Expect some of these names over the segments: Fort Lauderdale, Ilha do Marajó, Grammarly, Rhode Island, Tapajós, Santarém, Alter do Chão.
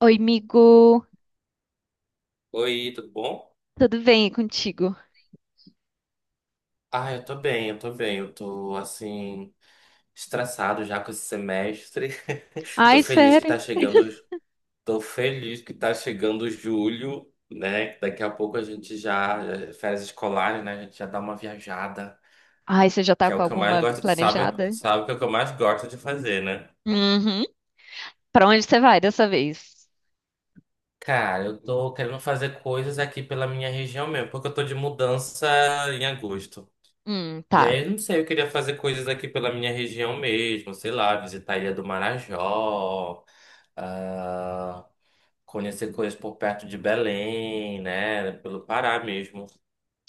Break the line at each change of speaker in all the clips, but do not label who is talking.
Oi, amigo.
Oi, tudo bom?
Tudo bem e contigo?
Ah, eu tô bem, eu tô bem. Eu tô, assim, estressado já com esse semestre. Tô
Ai,
feliz que
sério?
tá chegando, tô feliz que tá chegando julho, né? Daqui a pouco a gente já, férias escolares, né? A gente já dá uma viajada,
Ai, você já tá
que é
com
o que eu mais
alguma
gosto de, sabe?
planejada?
Sabe que é o que eu mais gosto de fazer, né?
Uhum. Pra onde você vai dessa vez?
Cara, eu tô querendo fazer coisas aqui pela minha região mesmo, porque eu tô de mudança em agosto. E
Tá.
aí, eu não sei, eu queria fazer coisas aqui pela minha região mesmo, sei lá, visitar a Ilha do Marajó, ah, conhecer coisas por perto de Belém, né? Pelo Pará mesmo.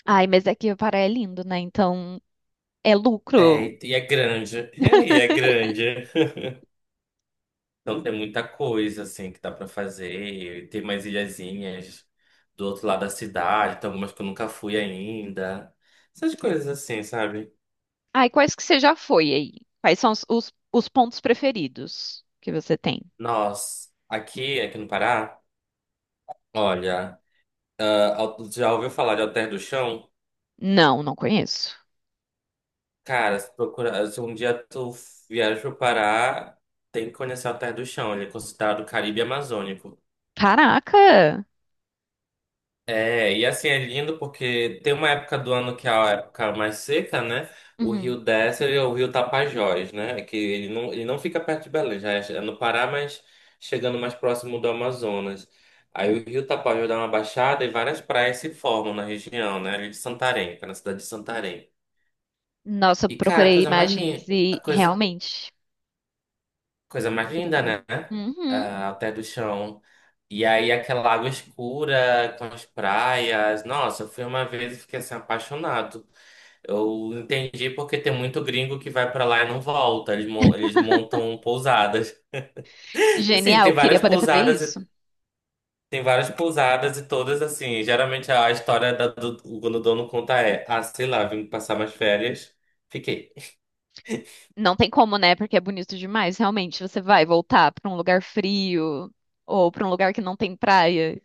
Ai, mas aqui o Pará é lindo, né? Então é
É,
lucro.
e é grande, e é grande. Então tem muita coisa, assim, que dá pra fazer. Tem mais ilhazinhas do outro lado da cidade, tem algumas que eu nunca fui ainda. Essas coisas assim, sabe?
Ai, quais que você já foi aí? Quais são os pontos preferidos que você tem?
Nós, aqui no Pará, olha. Já ouviu falar de Alter do Chão?
Não, não conheço.
Cara, se, procura, se um dia tu viaja pro Pará, tem que conhecer Alter do Chão. Ele é considerado Caribe Amazônico.
Caraca!
É, e assim, é lindo porque tem uma época do ano que é a época mais seca, né? O
Uhum.
rio desce, ele é o rio Tapajós, né? Que ele não fica perto de Belém, já é no Pará, mas chegando mais próximo do Amazonas. Aí o rio Tapajós dá uma baixada e várias praias se formam na região, né? Ali de Santarém, que é na cidade de Santarém.
Nossa, eu
E, cara, a
procurei
coisa mais linda,
imagens
a
e
coisa,
realmente.
coisa mais linda,
Incrível.
né?
Uhum.
Ah, até do chão. E aí, aquela água escura com as praias. Nossa, eu fui uma vez e fiquei assim, apaixonado. Eu entendi porque tem muito gringo que vai pra lá e não volta. Eles, eles montam pousadas. Assim, tem
Genial, queria
várias
poder fazer
pousadas,
isso.
tem várias pousadas e todas assim. Geralmente a história quando o dono conta é: ah, sei lá, vim passar umas férias, fiquei.
Não tem como, né? Porque é bonito demais. Realmente, você vai voltar pra um lugar frio ou pra um lugar que não tem praia.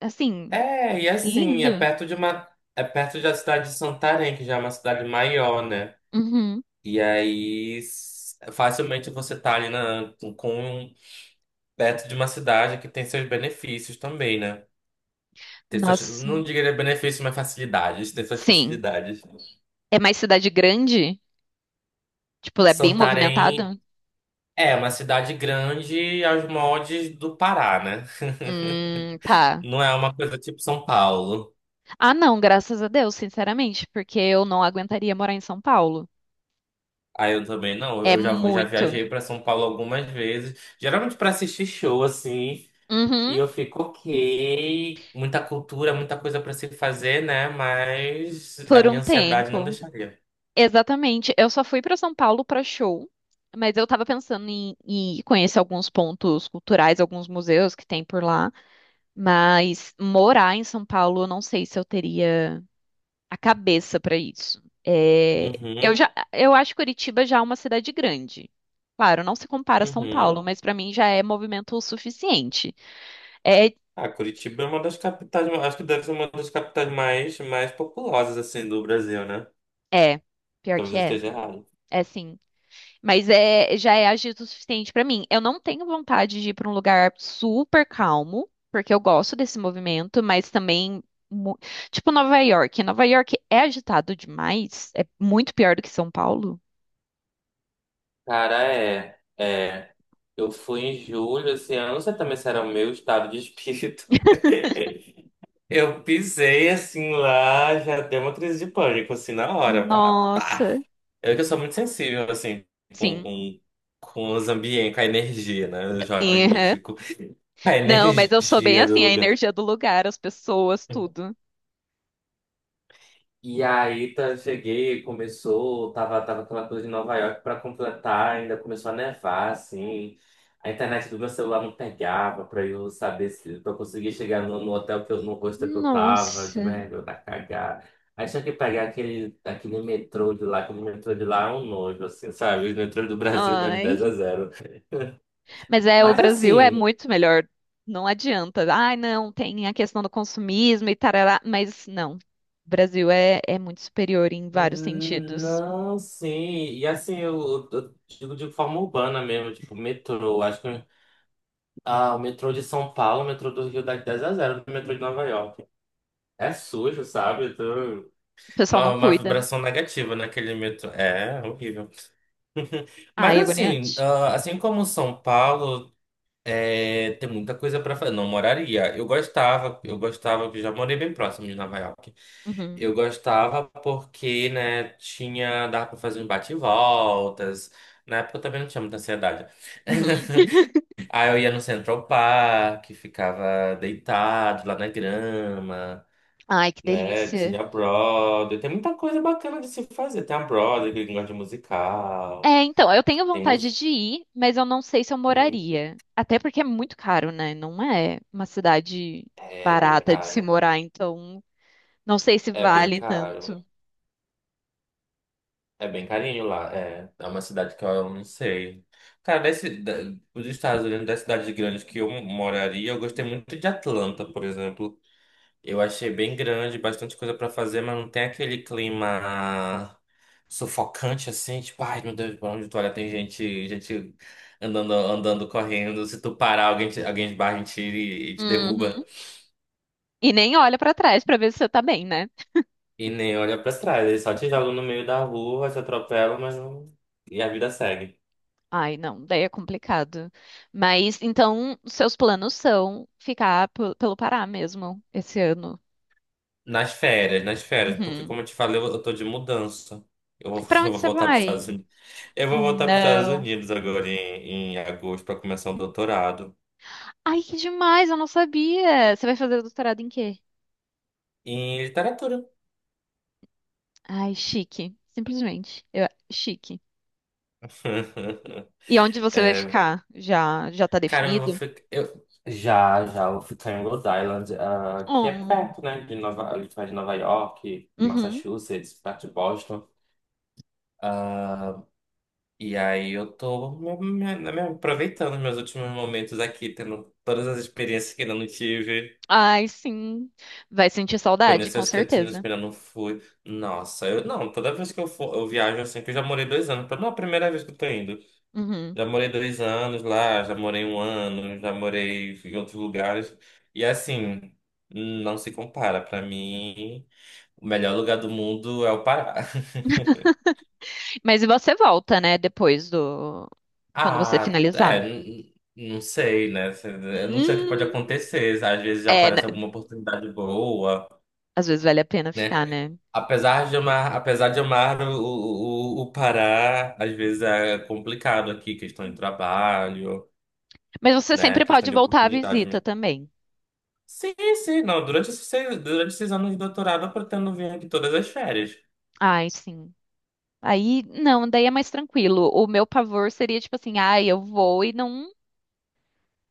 Assim,
É, e
é
assim,
lindo.
é perto da cidade de Santarém, que já é uma cidade maior, né?
Uhum.
E aí, facilmente você tá ali com, perto de uma cidade que tem seus benefícios também, né? Tem suas,
Nossa.
não diria benefícios, mas facilidades, tem suas
Sim.
facilidades.
É mais cidade grande? Tipo, é bem
Santarém
movimentado?
é uma cidade grande aos moldes do Pará, né?
Tá.
Não é uma coisa tipo São Paulo.
Ah, não, graças a Deus, sinceramente, porque eu não aguentaria morar em São Paulo.
Ah, eu também não.
É
Eu já
muito.
viajei para São Paulo algumas vezes, geralmente para assistir show assim, e
Uhum.
eu fico ok, muita cultura, muita coisa para se fazer, né? Mas a
Por um
minha ansiedade não
tempo.
deixaria.
Exatamente. Eu só fui para São Paulo para show, mas eu tava pensando em conhecer alguns pontos culturais, alguns museus que tem por lá, mas morar em São Paulo, eu não sei se eu teria a cabeça para isso. É, eu
Uhum,
já, eu acho Curitiba já uma cidade grande. Claro, não se compara a São
uhum.
Paulo, mas para mim já é movimento o suficiente. É,
Ah, Curitiba é uma das capitais, acho que deve ser uma das capitais mais populosas assim do Brasil, né?
é, pior
Talvez
que
eu
é.
esteja errado.
É sim. Mas é, já é agito o suficiente pra mim. Eu não tenho vontade de ir pra um lugar super calmo, porque eu gosto desse movimento, mas também mu- tipo Nova York. Nova York é agitado demais, é muito pior do que São Paulo.
Cara, é, é. Eu fui em julho esse ano, não sei também se era o meu estado de espírito. Eu pisei assim lá, já deu uma crise de pânico, assim, na hora. Pá, pá.
Nossa,
Eu que sou muito sensível, assim, com,
sim.
com, com os ambientes, com a energia, né? O jovem
Sim, aham.
místico. A
Não, mas eu sou bem
energia do
assim, a
lugar.
energia do lugar, as pessoas, tudo.
E aí tá, cheguei, começou, tava aquela coisa de Nova York pra completar, ainda começou a nevar, assim. A internet do meu celular não pegava pra eu conseguir chegar no hotel que eu, no hostel que eu tava, eu
Nossa.
digo, é, meu, tá cagado. Aí tinha que pegar aquele metrô de lá, que o metrô de lá é um nojo, assim, sabe? O metrô do Brasil não é de 10
Ai.
a zero.
Mas é, o
Mas
Brasil é
assim,
muito melhor. Não adianta. Ai, não, tem a questão do consumismo e tarará, mas não. O Brasil é muito superior em vários sentidos.
não, sim. E assim, eu digo de forma urbana mesmo, tipo, metrô. Acho que. Ah, o metrô de São Paulo, o metrô do Rio dá de 10 a 0 do metrô de Nova York. É sujo, sabe?
O pessoal não
Uma
cuida.
vibração negativa naquele metrô. É horrível. Mas
Ai,
assim,
agoniante.
ah, assim como São Paulo, é, tem muita coisa pra fazer. Não moraria. Eu gostava, que já morei bem próximo de Nova York.
Uhum,
Eu gostava porque, né, tinha, dava pra fazer uns bate-voltas. Na época eu também não tinha muita ansiedade.
uhum.
Aí eu ia no Central Park, ficava deitado lá na grama,
Ai, que
né?
delícia.
Tinha a Broadway, tem muita coisa bacana de se fazer. Tem a Broadway, que gosta de musical,
É, então, eu tenho
tem
vontade
mus...
de ir, mas eu não sei se eu
Uhum.
moraria. Até porque é muito caro, né? Não é uma cidade
É bem
barata de se
caro,
morar, então não sei se
é bem
vale
caro,
tanto.
é bem carinho lá, é. É uma cidade que eu não sei. Cara, dos Estados Unidos, das cidades grandes que eu moraria, eu gostei muito de Atlanta, por exemplo. Eu achei bem grande, bastante coisa pra fazer, mas não tem aquele clima sufocante assim, tipo, ai meu Deus, pra onde tu olha tem gente, gente andando, andando, correndo. Se tu parar, alguém esbarra em ti e te derruba.
Uhum. E nem olha pra trás pra ver se você tá bem, né?
E nem olha pra trás, eles só te jogam no meio da rua, te atropelam, mas não... E a vida segue.
Ai, não, daí é complicado. Mas então, seus planos são ficar pelo Pará mesmo esse ano.
Nas férias, porque
Uhum.
como eu te falei, eu tô de mudança. Eu vou,
Para
eu
onde
vou
você
voltar para os
vai?
Estados Unidos. Eu vou voltar para os Estados
Não.
Unidos agora em agosto para começar o doutorado.
Ai, que demais, eu não sabia. Você vai fazer doutorado em quê?
Em literatura.
Ai, chique, simplesmente. Chique. E onde você vai ficar? Já tá
Cara, eu vou
definido?
ficar. Eu... eu vou ficar em Rhode Island, ah, que é
Oh.
perto, né? De Nova... ali perto de Nova York,
Uhum.
Massachusetts, perto de Boston. Ah, e aí eu tô né, me aproveitando os meus últimos momentos aqui, tendo todas as experiências que ainda não tive,
Ai, sim. Vai sentir saudade,
conhecer
com
os cantinhos
certeza.
que ainda não fui. Nossa, eu não, toda vez que eu for, eu viajo assim, que eu já morei dois anos, não é a primeira vez que eu tô indo.
Uhum.
Já morei dois anos lá, já morei um ano, já morei em outros lugares. E assim, não se compara. Pra mim, o melhor lugar do mundo é o Pará.
Mas e você volta, né, depois do quando você
Ah, é,
finalizar?
não sei, né? Se- Eu não sei o que pode
Hum,
acontecer. Às vezes já
é, né?
aparece alguma oportunidade boa,
Às vezes vale a pena
né?
ficar, né?
Apesar de amar o Pará, às vezes é complicado aqui, questão de trabalho,
Mas você
né?
sempre
Questão
pode
de
voltar à
oportunidade.
visita também.
Sim, sim. Não, durante esses seis, durante esses anos de doutorado eu pretendo vir aqui todas as férias.
Ai, sim. Aí, não, daí é mais tranquilo. O meu pavor seria tipo assim, ai, eu vou e não,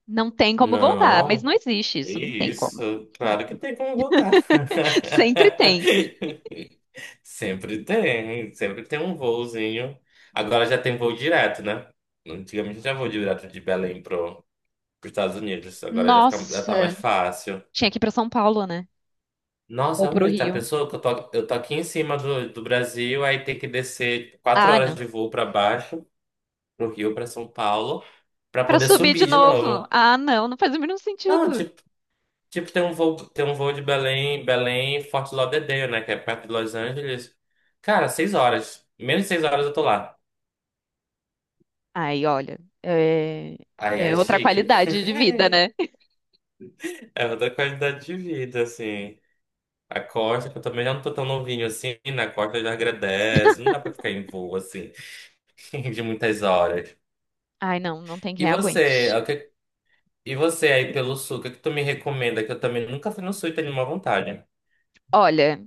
não tem como voltar. Mas
Não,
não existe
é
isso, não tem como.
isso. Claro que tem como voltar.
Sempre tem.
Sempre tem um voozinho. Agora já tem voo direto, né? Antigamente já voo direto de Belém pro, pros Estados Unidos. Agora já, fica, já tá mais
Nossa,
fácil.
tinha que ir pra São Paulo, né? Ou
Nossa,
pro
onde tá a
Rio.
pessoa que eu tô aqui em cima do, do Brasil, aí tem que descer quatro
Ah,
horas
não.
de voo para baixo, pro Rio, para São Paulo. Pra
Pra
poder
subir de
subir de
novo.
novo.
Ah, não, não faz o mínimo
Não,
sentido.
tipo, tipo tem um voo de Belém, Belém, Fort Lauderdale, né? Que é perto de Los Angeles. Cara, seis horas. Menos de seis horas eu tô lá.
Ai, olha, é,
Aí
é
é
outra
chique.
qualidade de vida, né?
É outra qualidade de vida, assim. A costa, que eu também já não tô tão novinho assim, na costa já agradece. Não dá pra ficar em voo, assim, de muitas horas.
Ai, não, não tem
E
quem
você, é
aguente.
o que- e você aí pelo sul, o que que tu me recomenda? Que eu também nunca fui no sul e tenho uma vontade.
Olha.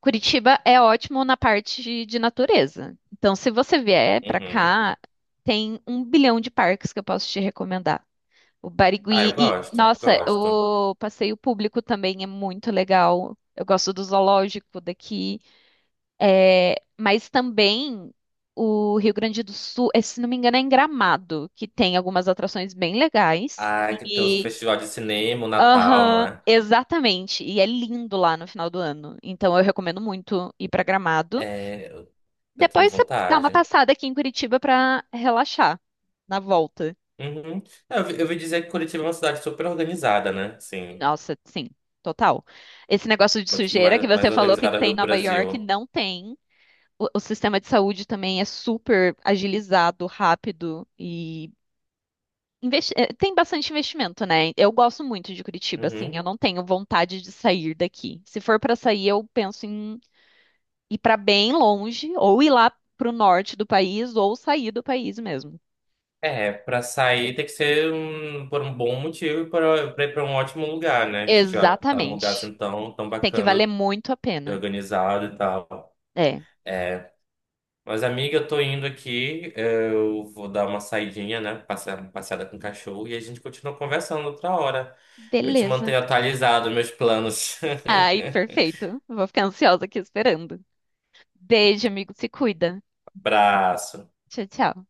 Curitiba é ótimo na parte de natureza. Então, se você vier pra
Uhum.
cá, tem um bilhão de parques que eu posso te recomendar. O
Ah,
Barigui
eu
e,
gosto,
nossa,
gosto.
o passeio público também é muito legal. Eu gosto do zoológico daqui. É, mas também o Rio Grande do Sul, é, se não me engano, é em Gramado, que tem algumas atrações bem legais.
Ai, que tem os
E
festival de cinema, o Natal, não
aham,
é?
exatamente. E é lindo lá no final do ano. Então eu recomendo muito ir para Gramado.
É, eu tenho
Depois você dá uma
vontade.
passada aqui em Curitiba pra relaxar na volta.
Uhum. É, eu ouvi dizer que Curitiba é uma cidade super organizada, né? Sim.
Nossa, sim, total. Esse negócio de
Mas, tipo,
sujeira que você
mais
falou que
organizada
tem em
do
Nova York,
Brasil.
não tem. O sistema de saúde também é super agilizado, rápido e tem bastante investimento, né? Eu gosto muito de Curitiba, assim, eu
Uhum.
não tenho vontade de sair daqui. Se for pra sair, eu penso em ir pra bem longe, ou ir lá pro norte do país, ou sair do país mesmo.
É, pra sair tem que ser por um bom motivo e pra ir pra um ótimo lugar, né? Já tá um lugar
Exatamente.
assim tão
Tem que
bacana,
valer muito a pena.
organizado e tal.
É.
É, Mas, amiga, eu tô indo aqui. Eu vou dar uma saidinha, né? Passear, uma passeada com o cachorro e a gente continua conversando outra hora. Eu te
Beleza.
mantenho atualizado, meus planos.
Ai, perfeito. Vou ficar ansiosa aqui esperando. Beijo, amigo. Se cuida.
Abraço.
Tchau, tchau.